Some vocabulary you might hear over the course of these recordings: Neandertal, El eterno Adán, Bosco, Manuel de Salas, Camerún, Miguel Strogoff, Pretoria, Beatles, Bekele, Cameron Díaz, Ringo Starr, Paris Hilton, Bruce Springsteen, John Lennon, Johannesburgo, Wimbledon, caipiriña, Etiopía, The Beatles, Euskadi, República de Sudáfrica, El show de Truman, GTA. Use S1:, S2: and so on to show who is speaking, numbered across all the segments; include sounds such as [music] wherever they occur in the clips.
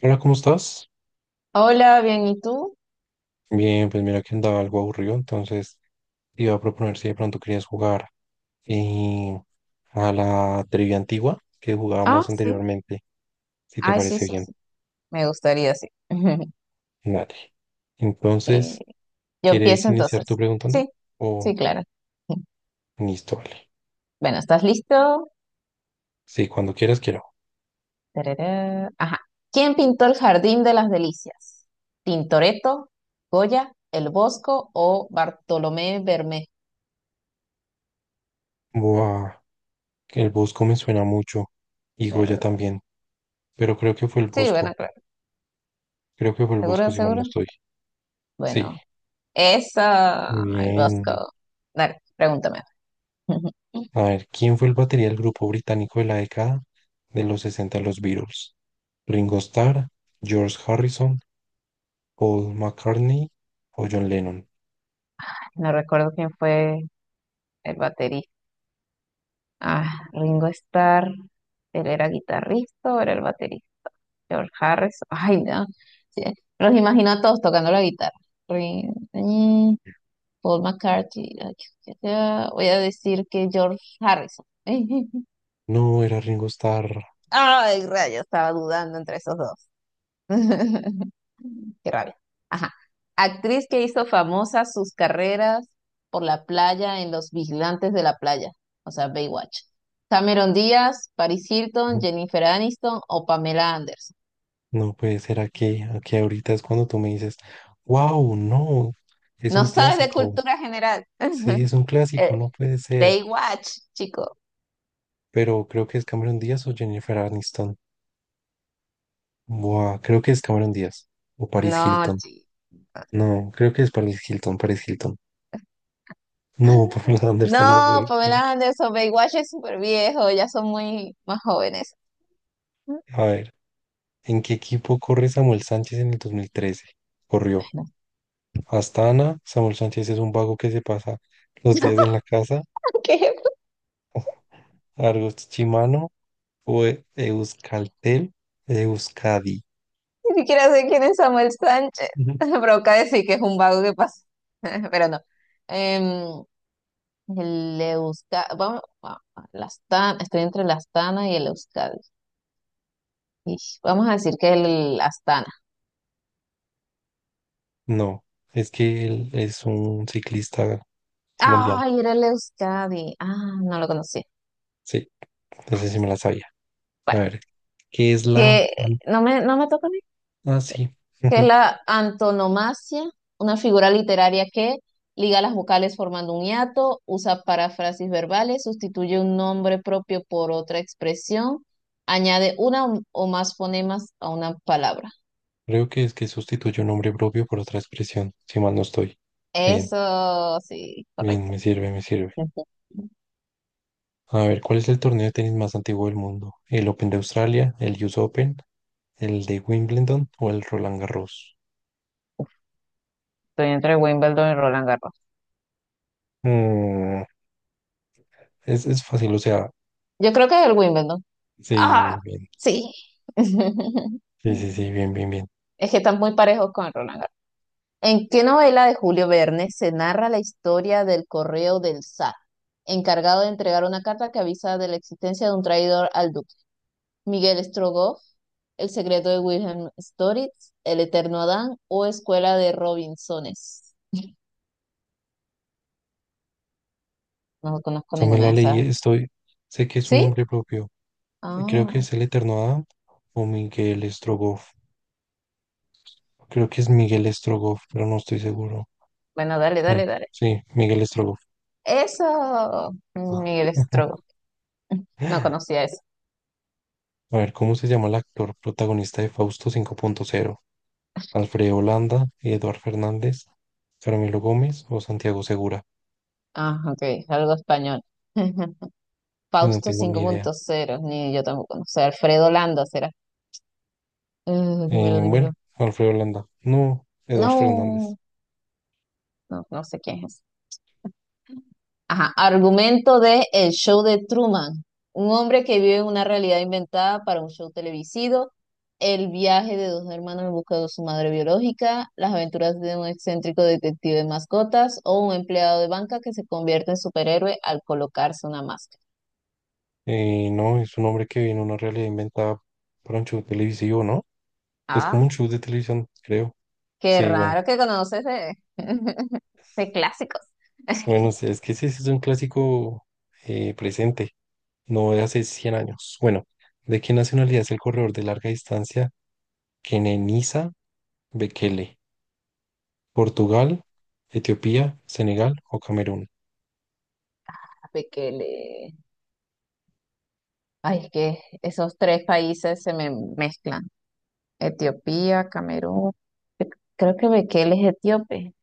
S1: Hola, ¿cómo estás?
S2: Hola, bien, ¿y tú?
S1: Bien, pues mira que andaba algo aburrido, entonces te iba a proponer si de pronto querías jugar eh, a la trivia antigua que
S2: Ah,
S1: jugábamos anteriormente, si te
S2: ay, sí,
S1: parece bien.
S2: me gustaría, sí. [laughs]
S1: Dale. Entonces,
S2: Yo
S1: ¿quieres
S2: empiezo,
S1: iniciar tú preguntando?
S2: sí, sí,
S1: O
S2: claro. [laughs]
S1: listo, vale.
S2: Bueno, ¿estás listo?
S1: Sí, cuando quieras quiero.
S2: Tarará. Ajá. ¿Quién pintó el Jardín de las Delicias? ¿Tintoretto, Goya, El Bosco o Bartolomé Bermé?
S1: Buah, que el Bosco me suena mucho y Goya
S2: Ver-
S1: también, pero creo que fue el
S2: Sí, bueno,
S1: Bosco. Creo que fue el Bosco
S2: seguro,
S1: si mal no
S2: seguro.
S1: estoy. Sí,
S2: Bueno,
S1: muy
S2: esa, El
S1: bien.
S2: Bosco. Dale, pregúntame. [laughs]
S1: A ver, ¿quién fue el batería del grupo británico de la década de los 60 los Beatles? ¿Ringo Starr, George Harrison, Paul McCartney o John Lennon?
S2: No recuerdo quién fue el baterista. Ah, Ringo Starr. Él era guitarrista o era el baterista. George Harris, ay, no. Sí, los imagino a todos tocando la guitarra. Rin- mm, Paul McCartney, ay, ya sea, voy a decir que George Harrison. [laughs]
S1: No, era Ringo Starr.
S2: Ay, rayos, estaba dudando entre esos dos. [laughs] Qué rabia. Ajá. Actriz que hizo famosas sus carreras por la playa en Los Vigilantes de la Playa, o sea, Baywatch. Cameron Díaz, Paris Hilton,
S1: No,
S2: Jennifer Aniston o Pamela Anderson.
S1: no puede ser aquí. Aquí ahorita es cuando tú me dices, wow, no, es
S2: No
S1: un
S2: sabes de
S1: clásico.
S2: cultura general.
S1: Sí,
S2: [laughs]
S1: es un clásico,
S2: Eh,
S1: no puede ser.
S2: Baywatch, chico.
S1: Pero creo que es Cameron Díaz o Jennifer Aniston. Buah, creo que es Cameron Díaz o Paris
S2: No,
S1: Hilton. No, creo que es Paris Hilton, Paris Hilton. No, [laughs] Pamela Anderson no
S2: no,
S1: puede ser.
S2: Pamela Anderson, Baywatch es súper viejo, ya son muy más jóvenes.
S1: A ver, ¿en qué equipo corre Samuel Sánchez en el 2013? Corrió hasta Samuel Sánchez es un vago que se pasa los días en la casa.
S2: [laughs] ¿Qué?
S1: [laughs] Argos Chimano o Euskaltel, Euskadi.
S2: Ni siquiera sé quién es Samuel Sánchez.
S1: Ujú.
S2: [laughs] Provoca decir que es un vago que pasa, [laughs] pero no. Em, el Euskadi, vamos, el Astana, estoy entre el Astana y el Euskadi. Ish, vamos a decir que el Astana.
S1: No, es que él es un ciclista colombiano.
S2: Ay, era el Euskadi. Ah, no lo conocí.
S1: Sí, ese sí me la sabía. A
S2: Bueno,
S1: ver, ¿qué es la...
S2: que
S1: an-?
S2: no me toca,
S1: Ah, sí.
S2: que es
S1: [laughs]
S2: la antonomasia, una figura literaria que liga las vocales formando un hiato, usa paráfrasis verbales, sustituye un nombre propio por otra expresión, añade una o más fonemas a una palabra.
S1: Creo que es que sustituye un nombre propio por otra expresión, si mal no estoy. Bien,
S2: Eso sí,
S1: bien,
S2: correcto.
S1: me sirve, me sirve. A ver, ¿cuál es el torneo de tenis más antiguo del mundo? ¿El Open de Australia, el US Open, el de Wimbledon o el Roland Garros?
S2: Agarró.
S1: Mm, es fácil, o sea,
S2: Yo creo que es el Wimbledon.
S1: sí,
S2: Ah,
S1: bien,
S2: sí. [laughs]
S1: sí, sí, sí, bien, bien, bien. O
S2: Es que están muy parejos con Roland. ¿En qué novela de Julio Verne se narra la historia del correo del zar, encargado de entregar una carta que avisa de la existencia de un traidor al duque? ¿Miguel Strogoff, El secreto de Wilhelm Storitz, El eterno Adán o Escuela de Robinsones? [laughs] No conozco
S1: sea, me
S2: ninguna
S1: la
S2: vez.
S1: leí, estoy, sé que es un
S2: ¿Sí?
S1: nombre propio. Creo que
S2: Ah,
S1: es el Eterno Adam o Miguel Strogoff. Creo que es Miguel Strogoff, pero no estoy seguro.
S2: bueno, dale,
S1: Bueno,
S2: dale, dale.
S1: sí, Miguel Strogoff.
S2: Eso, Miguel Strogoff.
S1: [laughs]
S2: [laughs] No conocía eso.
S1: A ver, ¿cómo se llama el actor protagonista de Fausto 5.0? Alfredo Holanda, Eduard Fernández, Carmelo Gómez o Santiago Segura.
S2: Ah, ok, algo español. [laughs]
S1: Si no
S2: Fausto
S1: tengo
S2: cinco
S1: ni idea.
S2: punto cero ni yo tampoco, no sé, Alfredo Landa, ¿será? Dímelo, dímelo.
S1: Bueno, Alfredo Holanda. No, Eduard Fernández.
S2: No, no, no sé quién es. Ajá, argumento de El show de Truman. Un hombre que vive en una realidad inventada para un show televisivo. El viaje de dos hermanos en busca de su madre biológica. Las aventuras de un excéntrico detective de mascotas. O un empleado de banca que se convierte en superhéroe al colocarse una máscara.
S1: No, es un hombre que viene en una realidad inventada para un show televisivo, ¿no? Es como
S2: Ah,
S1: un show de televisión, creo.
S2: qué
S1: Sí, bueno.
S2: raro que conoces de, [laughs] de clásicos.
S1: Bueno,
S2: [laughs]
S1: sí, es que ese es un clásico presente, no de hace 100 años. Bueno, ¿de qué nacionalidad es el corredor de larga distancia Kenenisa Bekele? ¿Portugal, Etiopía, Senegal o Camerún?
S2: Fíjate que le... Ay, es que esos tres países se me mezclan. Etiopía, Camerún. Cre- Creo que Bekele es etíope.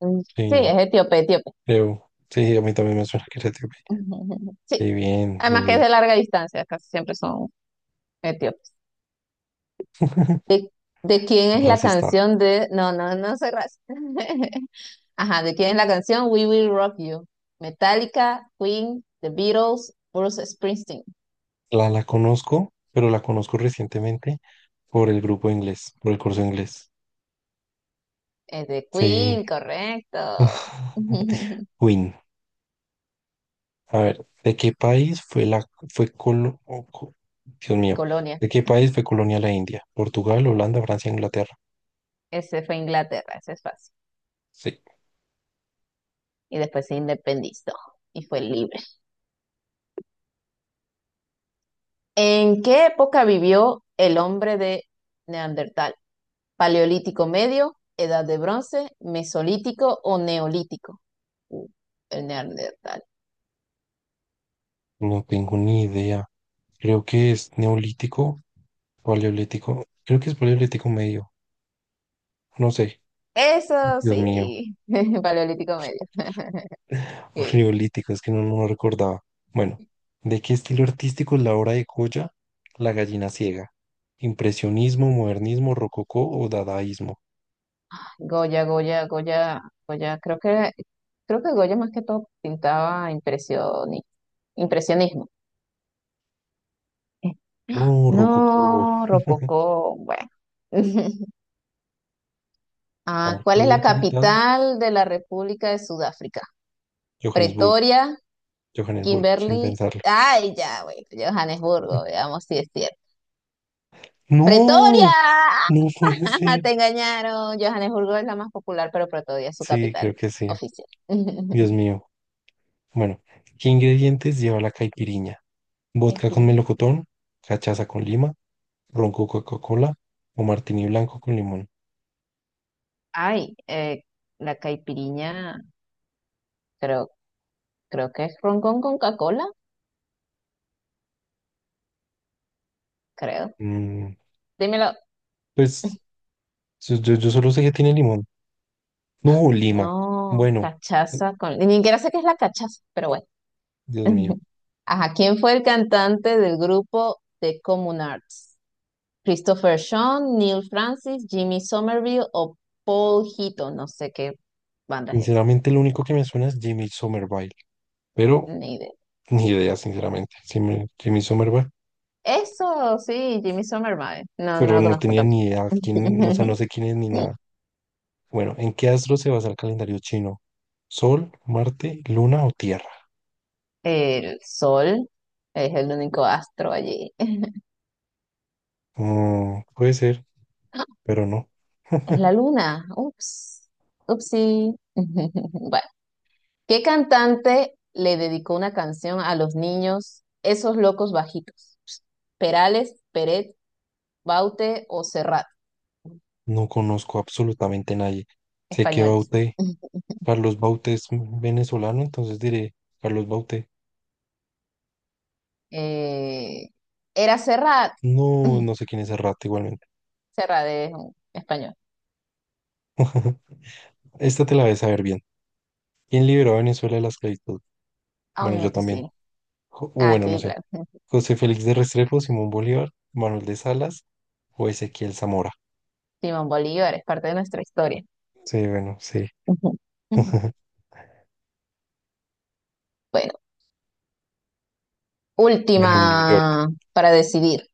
S2: Mm, sí,
S1: Sí,
S2: es etíope, etíope.
S1: creo. Sí, a mí también me suena que era etíope.
S2: [laughs] Sí,
S1: Sí, bien,
S2: además
S1: bien,
S2: que es
S1: bien.
S2: de larga distancia, casi siempre son etíopes. ¿De quién es la
S1: Racista.
S2: canción de... No, no, no soy racista. [laughs] Ajá, ¿de quién es la canción We Will Rock You? Metallica, Queen, The Beatles, Bruce Springsteen.
S1: La conozco, pero la conozco recientemente por el grupo de inglés, por el curso de inglés.
S2: Es de
S1: Sí.
S2: Queen, correcto.
S1: [laughs]
S2: [laughs]
S1: Win. A ver, ¿de qué país fue la fue colo- o co- Dios mío,
S2: Colonia,
S1: ¿de qué país fue colonia la India? ¿Portugal, Holanda, Francia, Inglaterra?
S2: ese fue Inglaterra, ese es fácil.
S1: Sí,
S2: Y después se independizó y fue libre. ¿En qué época vivió el hombre de Neandertal? ¿Paleolítico medio, edad de bronce, mesolítico o neolítico? Uh, el Neandertal.
S1: no tengo ni idea. Creo que es neolítico, paleolítico. Creo que es paleolítico medio. No sé.
S2: Eso
S1: Dios mío.
S2: sí, [laughs] paleolítico medio.
S1: O
S2: Que
S1: neolítico, es que no lo recordaba. Bueno, ¿de qué estilo artístico es la obra de Goya, La gallina ciega? ¿Impresionismo, modernismo, rococó o dadaísmo?
S2: Goya, Goya, Goya, Goya, creo que Goya más que todo pintaba impresionismo. Eh,
S1: No, rococó.
S2: No, rococó, bueno. [laughs]
S1: A
S2: Ah,
S1: ver,
S2: ¿cuál
S1: ¿cuál
S2: es
S1: es la
S2: la
S1: capital?
S2: capital de la República de Sudáfrica?
S1: Johannesburgo.
S2: Pretoria,
S1: Johannesburgo, sin
S2: Kimberly.
S1: pensarlo.
S2: Ay, ya, bueno, Johannesburgo,
S1: [laughs]
S2: veamos si es cierto. ¡Pretoria!
S1: No, no puede
S2: [laughs]
S1: ser.
S2: Te engañaron. Johannesburgo es la más popular, pero Pretoria es su
S1: Sí,
S2: capital.
S1: creo que sí. Dios
S2: [laughs]
S1: mío. Bueno, ¿qué ingredientes lleva la caipiriña? ¿Vodka con melocotón? ¿Cachaza con lima? ¿Ron con Coca-Cola? ¿O martini blanco con limón?
S2: Ay, la caipiriña, creo, creo que es ron con Coca-Cola, creo.
S1: Mm,
S2: Dímelo.
S1: pues yo solo sé que tiene limón. No, lima.
S2: Oh,
S1: Bueno, eh,
S2: cachaza con. Ni siquiera sé qué es la cachaza, pero bueno.
S1: Dios mío.
S2: [laughs] Ajá, ¿quién fue el cantante del grupo The Common Arts? Christopher Sean, Neil Francis, Jimmy Somerville o Paul Hito. No sé qué banda es esa,
S1: Sinceramente, lo único que me suena es Jimmy Somerville. Pero
S2: ni idea.
S1: ni idea, sinceramente. Sí me- Jimmy Somerville.
S2: Eso sí, Jimmy Somerville. No, no
S1: Pero
S2: lo
S1: no
S2: conozco.
S1: tenía ni idea quién, o sea, no
S2: [laughs]
S1: sé quién es ni nada. Bueno, ¿en qué astro se basa el calendario chino? ¿Sol, Marte, Luna o Tierra?
S2: El sol es el único astro allí. [laughs]
S1: Mm, puede ser, pero no.
S2: Es
S1: [laughs]
S2: la luna. Ups. Upsi. [laughs] Bueno, ¿qué cantante le dedicó una canción a los niños, esos locos bajitos? Perales, Peret, Baute o Serrat,
S1: No conozco absolutamente nadie. Sé que
S2: españoles.
S1: Bauté, Carlos Bauté es venezolano, entonces diré Carlos Bauté.
S2: Eh, Era Serrat.
S1: No, no sé quién es el rato igualmente.
S2: Serrat es un español.
S1: [laughs] Esta te la vas a ver bien. ¿Quién liberó a Venezuela de la esclavitud?
S2: Ah,
S1: Bueno,
S2: yo,
S1: yo
S2: ok.
S1: también. Jo- o
S2: Ah,
S1: bueno, no
S2: sí.
S1: sé.
S2: [laughs] Ujú.
S1: José Félix de Restrepo, Simón Bolívar, Manuel de Salas o Ezequiel Zamora.
S2: Simón Bolívar es parte de nuestra historia.
S1: Sí, bueno, sí.
S2: Ujú. Ujú.
S1: [laughs]
S2: Bueno,
S1: Bueno, New York,
S2: última para decidir.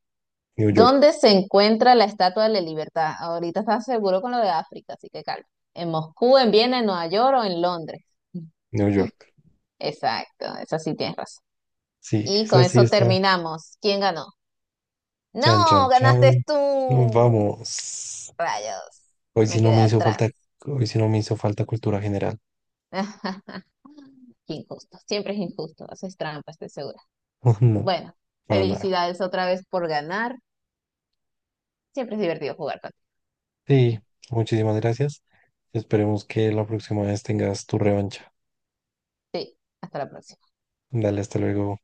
S1: New York,
S2: ¿Dónde se encuentra la Estatua de la Libertad? Ahorita estás seguro con lo de África, así que calma. ¿En Moscú, en Viena, en Nueva York o en Londres?
S1: New York.
S2: Exacto, eso sí tienes razón.
S1: Sí,
S2: Y con
S1: esa sí
S2: eso
S1: está.
S2: terminamos. ¿Quién ganó?
S1: Chan,
S2: No,
S1: chan,
S2: ganaste
S1: chan. No,
S2: tú.
S1: vamos.
S2: Rayos,
S1: Hoy sí
S2: me
S1: no
S2: quedé.
S1: me hizo falta, hoy sí no me hizo falta cultura general.
S2: [laughs] Injusto, siempre es injusto, haces trampa, estoy segura.
S1: [laughs] No, para nada.
S2: Felicidades otra vez por ganar, siempre es divertido jugar contigo.
S1: Sí, muchísimas gracias. Esperemos que la próxima vez tengas tu revancha.
S2: Sí, hasta la próxima.
S1: Dale, hasta luego.